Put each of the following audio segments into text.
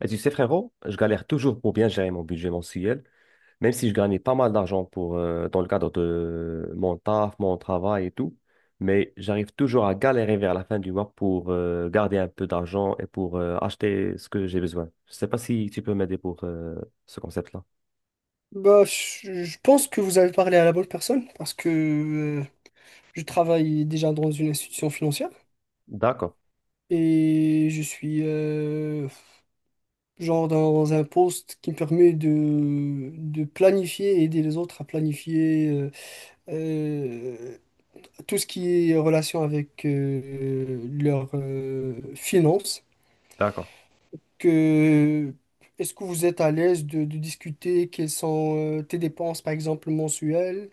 Et tu sais, frérot, je galère toujours pour bien gérer mon budget mensuel, même si je gagnais pas mal d'argent pour, dans le cadre de mon taf, mon travail et tout. Mais j'arrive toujours à galérer vers la fin du mois pour garder un peu d'argent et pour acheter ce que j'ai besoin. Je sais pas si tu peux m'aider pour ce concept-là. Bah, je pense que vous avez parlé à la bonne personne parce que euh, je travaille déjà dans une institution financière D'accord, et je suis genre dans un poste qui me permet de planifier, aider les autres à planifier euh, tout ce qui est en relation avec leurs finances. d'accord. Que, est-ce que vous êtes à l'aise de discuter quelles sont tes dépenses, par exemple, mensuelles?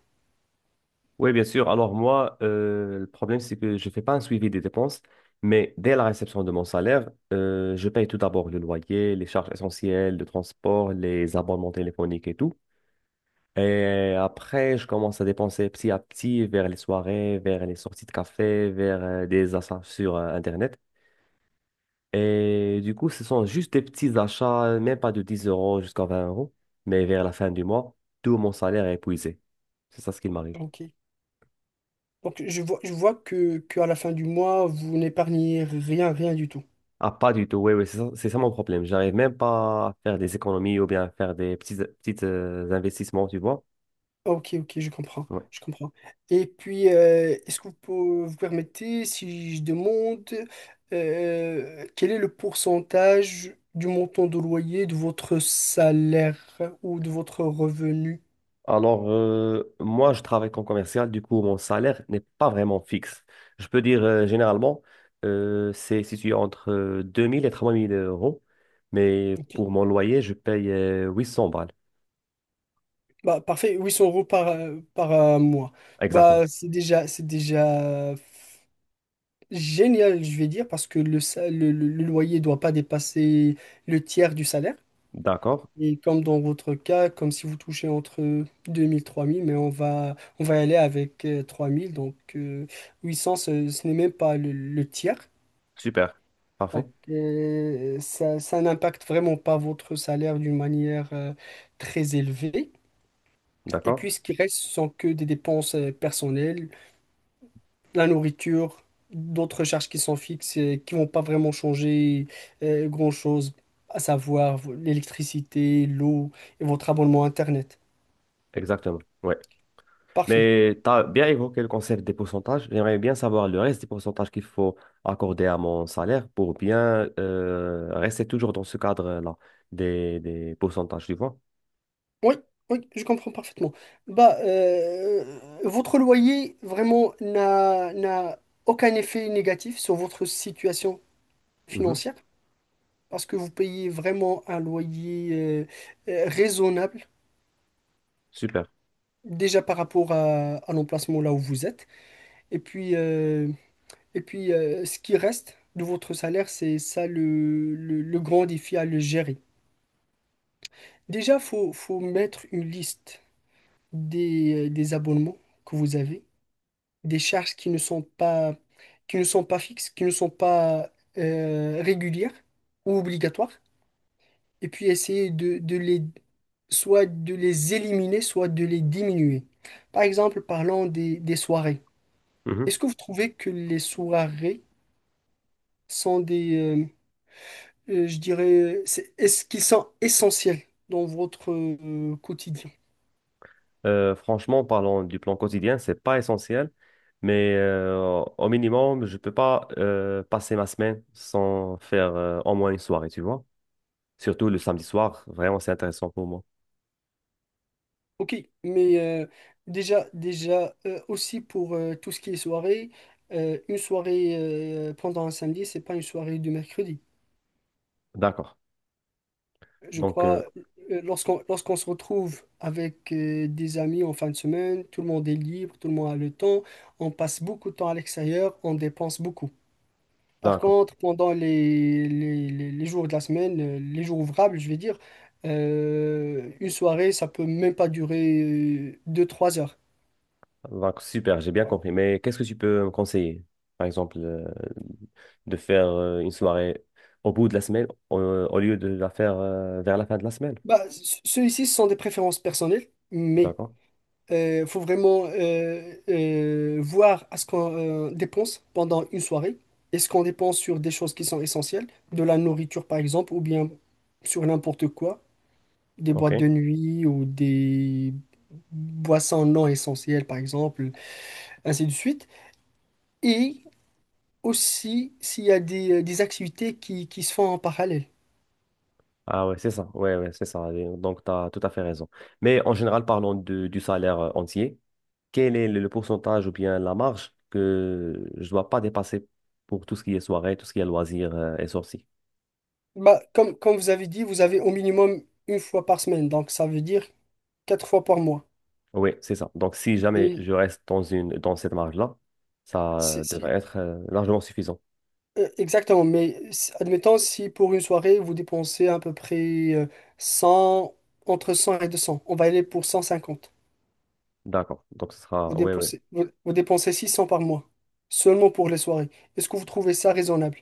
Oui, bien sûr. Alors moi, le problème, c'est que je ne fais pas un suivi des dépenses, mais dès la réception de mon salaire, je paye tout d'abord le loyer, les charges essentielles, le transport, les abonnements téléphoniques et tout. Et après, je commence à dépenser petit à petit vers les soirées, vers les sorties de café, vers des achats sur Internet. Et du coup, ce sont juste des petits achats, même pas de 10 euros jusqu'à 20 euros, mais vers la fin du mois, tout mon salaire est épuisé. C'est ça ce qui m'arrive. Ok. Donc, je vois que à la fin du mois, vous n'épargnez rien, rien du tout. Ah, pas du tout, oui, oui, c'est ça mon problème. J'arrive même pas à faire des économies ou bien à faire des petits investissements, tu vois. Ok, ok, je comprends, Ouais. je comprends. Et puis, est-ce que vous permettez, si je demande, quel est le pourcentage du montant de loyer de votre salaire ou de votre revenu? Alors, moi, je travaille comme commercial, du coup, mon salaire n'est pas vraiment fixe. Je peux dire, généralement, c'est situé entre 2000 et 3000 euros, mais Ok. pour mon loyer, je paye 800 balles. Bah, parfait, 800 € par mois. Exactement. Bah, c'est déjà génial, je vais dire, parce que le, sa- le loyer ne doit pas dépasser le tiers du salaire. D'accord. Et comme dans votre cas, comme si vous touchez entre 2000 3000, mais on va y aller avec 3000. Donc 800, ce n'est même pas le tiers. Super. Parfait. Donc ça, ça n'impacte vraiment pas votre salaire d'une manière très élevée. Et D'accord. puis ce qui reste, ce sont que des dépenses personnelles, la nourriture, d'autres charges qui sont fixes et qui vont pas vraiment changer grand-chose, à savoir l'électricité, l'eau et votre abonnement Internet. Exactement. Ouais. Parfait. Mais tu as bien évoqué le concept des pourcentages. J'aimerais bien savoir le reste des pourcentages qu'il faut accorder à mon salaire pour bien rester toujours dans ce cadre-là des pourcentages, tu vois. Oui, oui, je comprends parfaitement. Bah, votre loyer vraiment n'a aucun effet négatif sur votre situation Mhm. financière parce que vous payez vraiment un loyer raisonnable Super. déjà par rapport à l'emplacement là où vous êtes. Et puis, euh, Et puis, ce qui reste de votre salaire, c'est ça le grand défi à le gérer. Déjà, faut mettre une liste des abonnements que vous avez, des charges qui ne sont pas fixes, qui ne sont pas régulières ou obligatoires. Et puis, essayer de les, soit de les éliminer, soit de les diminuer. Par exemple, parlons des soirées. Mhm. Est-ce que vous trouvez que les soirées sont je dirais, est-ce qu'ils sont essentiels dans votre quotidien? Franchement, parlant du plan quotidien, c'est pas essentiel, mais au minimum, je peux pas passer ma semaine sans faire au moins une soirée, tu vois. Surtout le samedi soir, vraiment, c'est intéressant pour moi. Ok, mais déjà, aussi pour tout ce qui est soirée, une soirée pendant un samedi, c'est pas une soirée du mercredi. D'accord. Je Donc, euh, crois, lorsqu'on se retrouve avec des amis en fin de semaine, tout le monde est libre, tout le monde a le temps, on passe beaucoup de temps à l'extérieur, on dépense beaucoup. Par D'accord. contre, pendant les jours de la semaine, les jours ouvrables, je vais dire, une soirée, ça peut même pas durer deux trois heures. Donc, super, j'ai bien compris. Mais qu'est-ce que tu peux me conseiller? Par exemple, de faire une soirée au bout de la semaine au lieu de la faire vers la fin de la semaine. Bah, ceux-ci, ce sont des préférences personnelles, mais D'accord. il faut vraiment voir à ce qu'on dépense pendant une soirée. Est-ce qu'on dépense sur des choses qui sont essentielles, de la nourriture par exemple, ou bien sur n'importe quoi, des boîtes OK. de nuit ou des boissons non essentielles par exemple. Ainsi de suite. Et aussi s'il y a des activités qui se font en parallèle. Ah ouais, c'est ça. Ouais, ouais, c'est ça. Et donc, tu as tout à fait raison. Mais en général, parlons de- du salaire entier. Quel est le pourcentage ou bien la marge que je dois pas dépasser pour tout ce qui est soirée, tout ce qui est loisirs et sorties? Bah, comme vous avez dit, vous avez au minimum une fois par semaine, donc ça veut dire quatre fois par mois. Oui, c'est ça. Donc, si jamais Et je reste dans dans cette marge-là, ça si, devrait si- être largement suffisant. Exactement, mais admettons si pour une soirée, vous dépensez à peu près 100, entre 100 et 200 on va aller pour cent cinquante D'accord. Donc, ce Vous sera, oui, oui. dépensez, vous dépensez 600 par mois, seulement pour les soirées. Est-ce que vous trouvez ça raisonnable?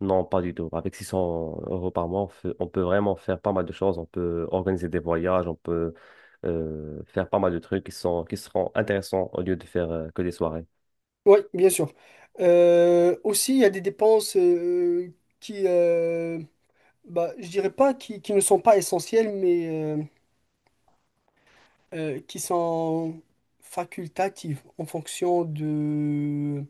Non, pas du tout. Avec 600 euros par mois, on fait- on peut vraiment faire pas mal de choses. On peut organiser des voyages, on peut faire pas mal de trucs qui sont, qui seront intéressants au lieu de faire que des soirées. Oui, bien sûr. Aussi, il y a des dépenses qui, euh, bah, je dirais pas qui ne sont pas essentielles, mais euh, qui sont facultatives en fonction de,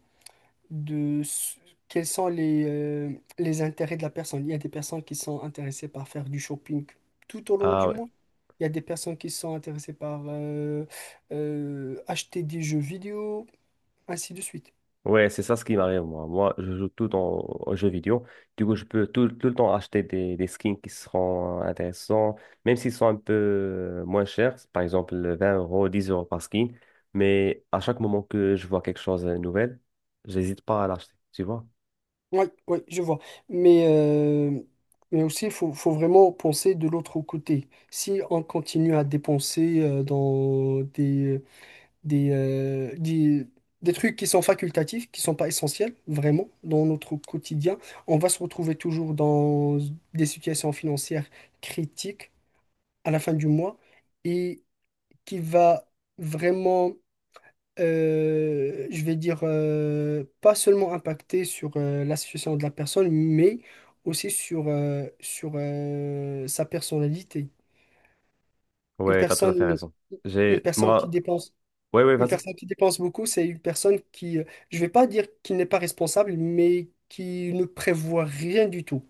de s- quels sont les intérêts de la personne. Il y a des personnes qui sont intéressées par faire du shopping tout au long Ah du oui. mois. Il y a des personnes qui sont intéressées par acheter des jeux vidéo, ainsi de suite. Ouais, c'est ça ce qui m'arrive, moi. Moi, je joue tout le temps aux jeux vidéo. Du coup, je peux tout le temps acheter des skins qui seront intéressants, même s'ils sont un peu moins chers, par exemple 20 euros, 10 euros par skin. Mais à chaque moment que je vois quelque chose de nouvel, j'hésite pas à l'acheter, tu vois? Oui, oui, je vois. Mais, euh, mais aussi, il faut vraiment penser de l'autre côté. Si on continue à dépenser dans des, euh, des, des trucs qui sont facultatifs, qui sont pas essentiels, vraiment, dans notre quotidien, on va se retrouver toujours dans des situations financières critiques à la fin du mois et qui va vraiment je vais dire, pas seulement impacté sur la situation de la personne, mais aussi sur sa personnalité. Une Ouais, t'as tout à fait personne, raison. une J'ai, personne qui moi, dépense, ouais, ouais, une vas-y. personne qui dépense beaucoup, c'est une personne qui, je vais pas dire qu'il n'est pas responsable, mais qui ne prévoit rien du tout.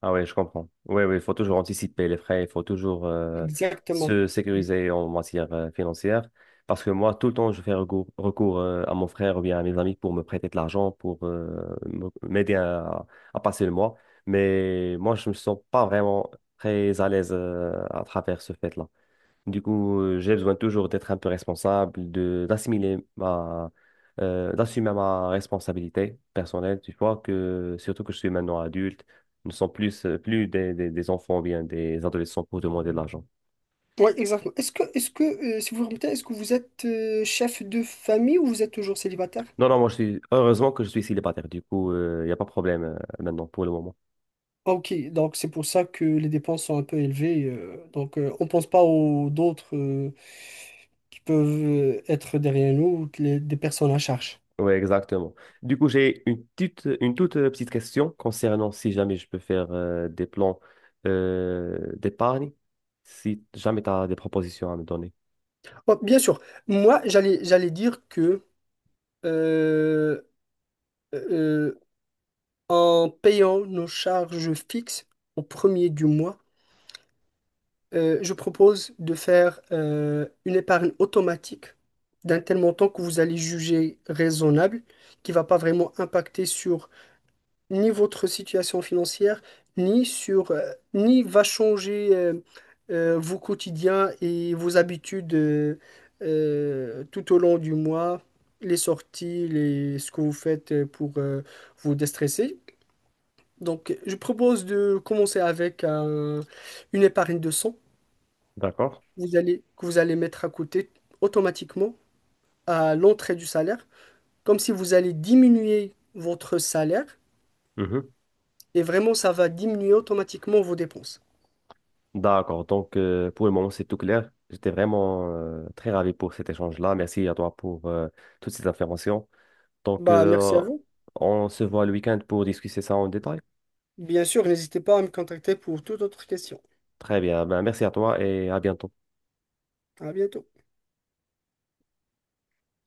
Ah ouais, je comprends. Oui, oui, il faut toujours anticiper les frais, il faut toujours Exactement. se Ex- sécuriser en matière financière. Parce que moi, tout le temps, je fais recours, à mon frère ou bien à mes amis pour me prêter de l'argent, pour me- m'aider à passer le mois. Mais moi, je ne me sens pas vraiment très à l'aise à travers ce fait-là. Du coup, j'ai besoin toujours d'être un peu responsable, de d'assumer ma responsabilité personnelle. Tu vois que surtout que je suis maintenant adulte, nous ne sommes plus plus des enfants ou bien des adolescents pour demander de l'argent. Ouais, exactement. Est-ce que, si vous me permettez, est-ce que vous êtes chef de famille ou vous êtes toujours célibataire? Non, non, moi je suis heureusement que je suis célibataire. Du coup, il n'y a pas de problème maintenant pour le moment. Ah, Ok, donc c'est pour ça que les dépenses sont un peu élevées. Donc, on pense pas aux d'autres qui peuvent être derrière nous, des personnes à charge. Oui, exactement. Du coup, j'ai une toute petite question concernant si jamais je peux faire des plans d'épargne, si jamais tu as des propositions à me donner. Bon, bien sûr, moi j'allais dire que euh, euh, en payant nos charges fixes au premier du mois, je propose de faire une épargne automatique d'un tel montant que vous allez juger raisonnable, qui va pas vraiment impacter sur ni votre situation financière, ni sur, ni va changer vos quotidiens et vos habitudes tout au long du mois, les sorties, ce que vous faites pour vous déstresser. Donc, je propose de commencer avec une épargne de cent D'accord? vous allez, que vous allez mettre à côté automatiquement à l'entrée du salaire, comme si vous allez diminuer votre salaire Mhm. et vraiment ça va diminuer automatiquement vos dépenses. D'accord. Donc, pour le moment, c'est tout clair. J'étais vraiment très ravi pour cet échange-là. Merci à toi pour toutes ces informations. Donc, Bah, merci à euh, vous. on se voit le week-end pour discuter ça en détail. Bien sûr, n'hésitez pas à me contacter pour toute autre question. Très bien. Ben, merci à toi et à bientôt. À bientôt.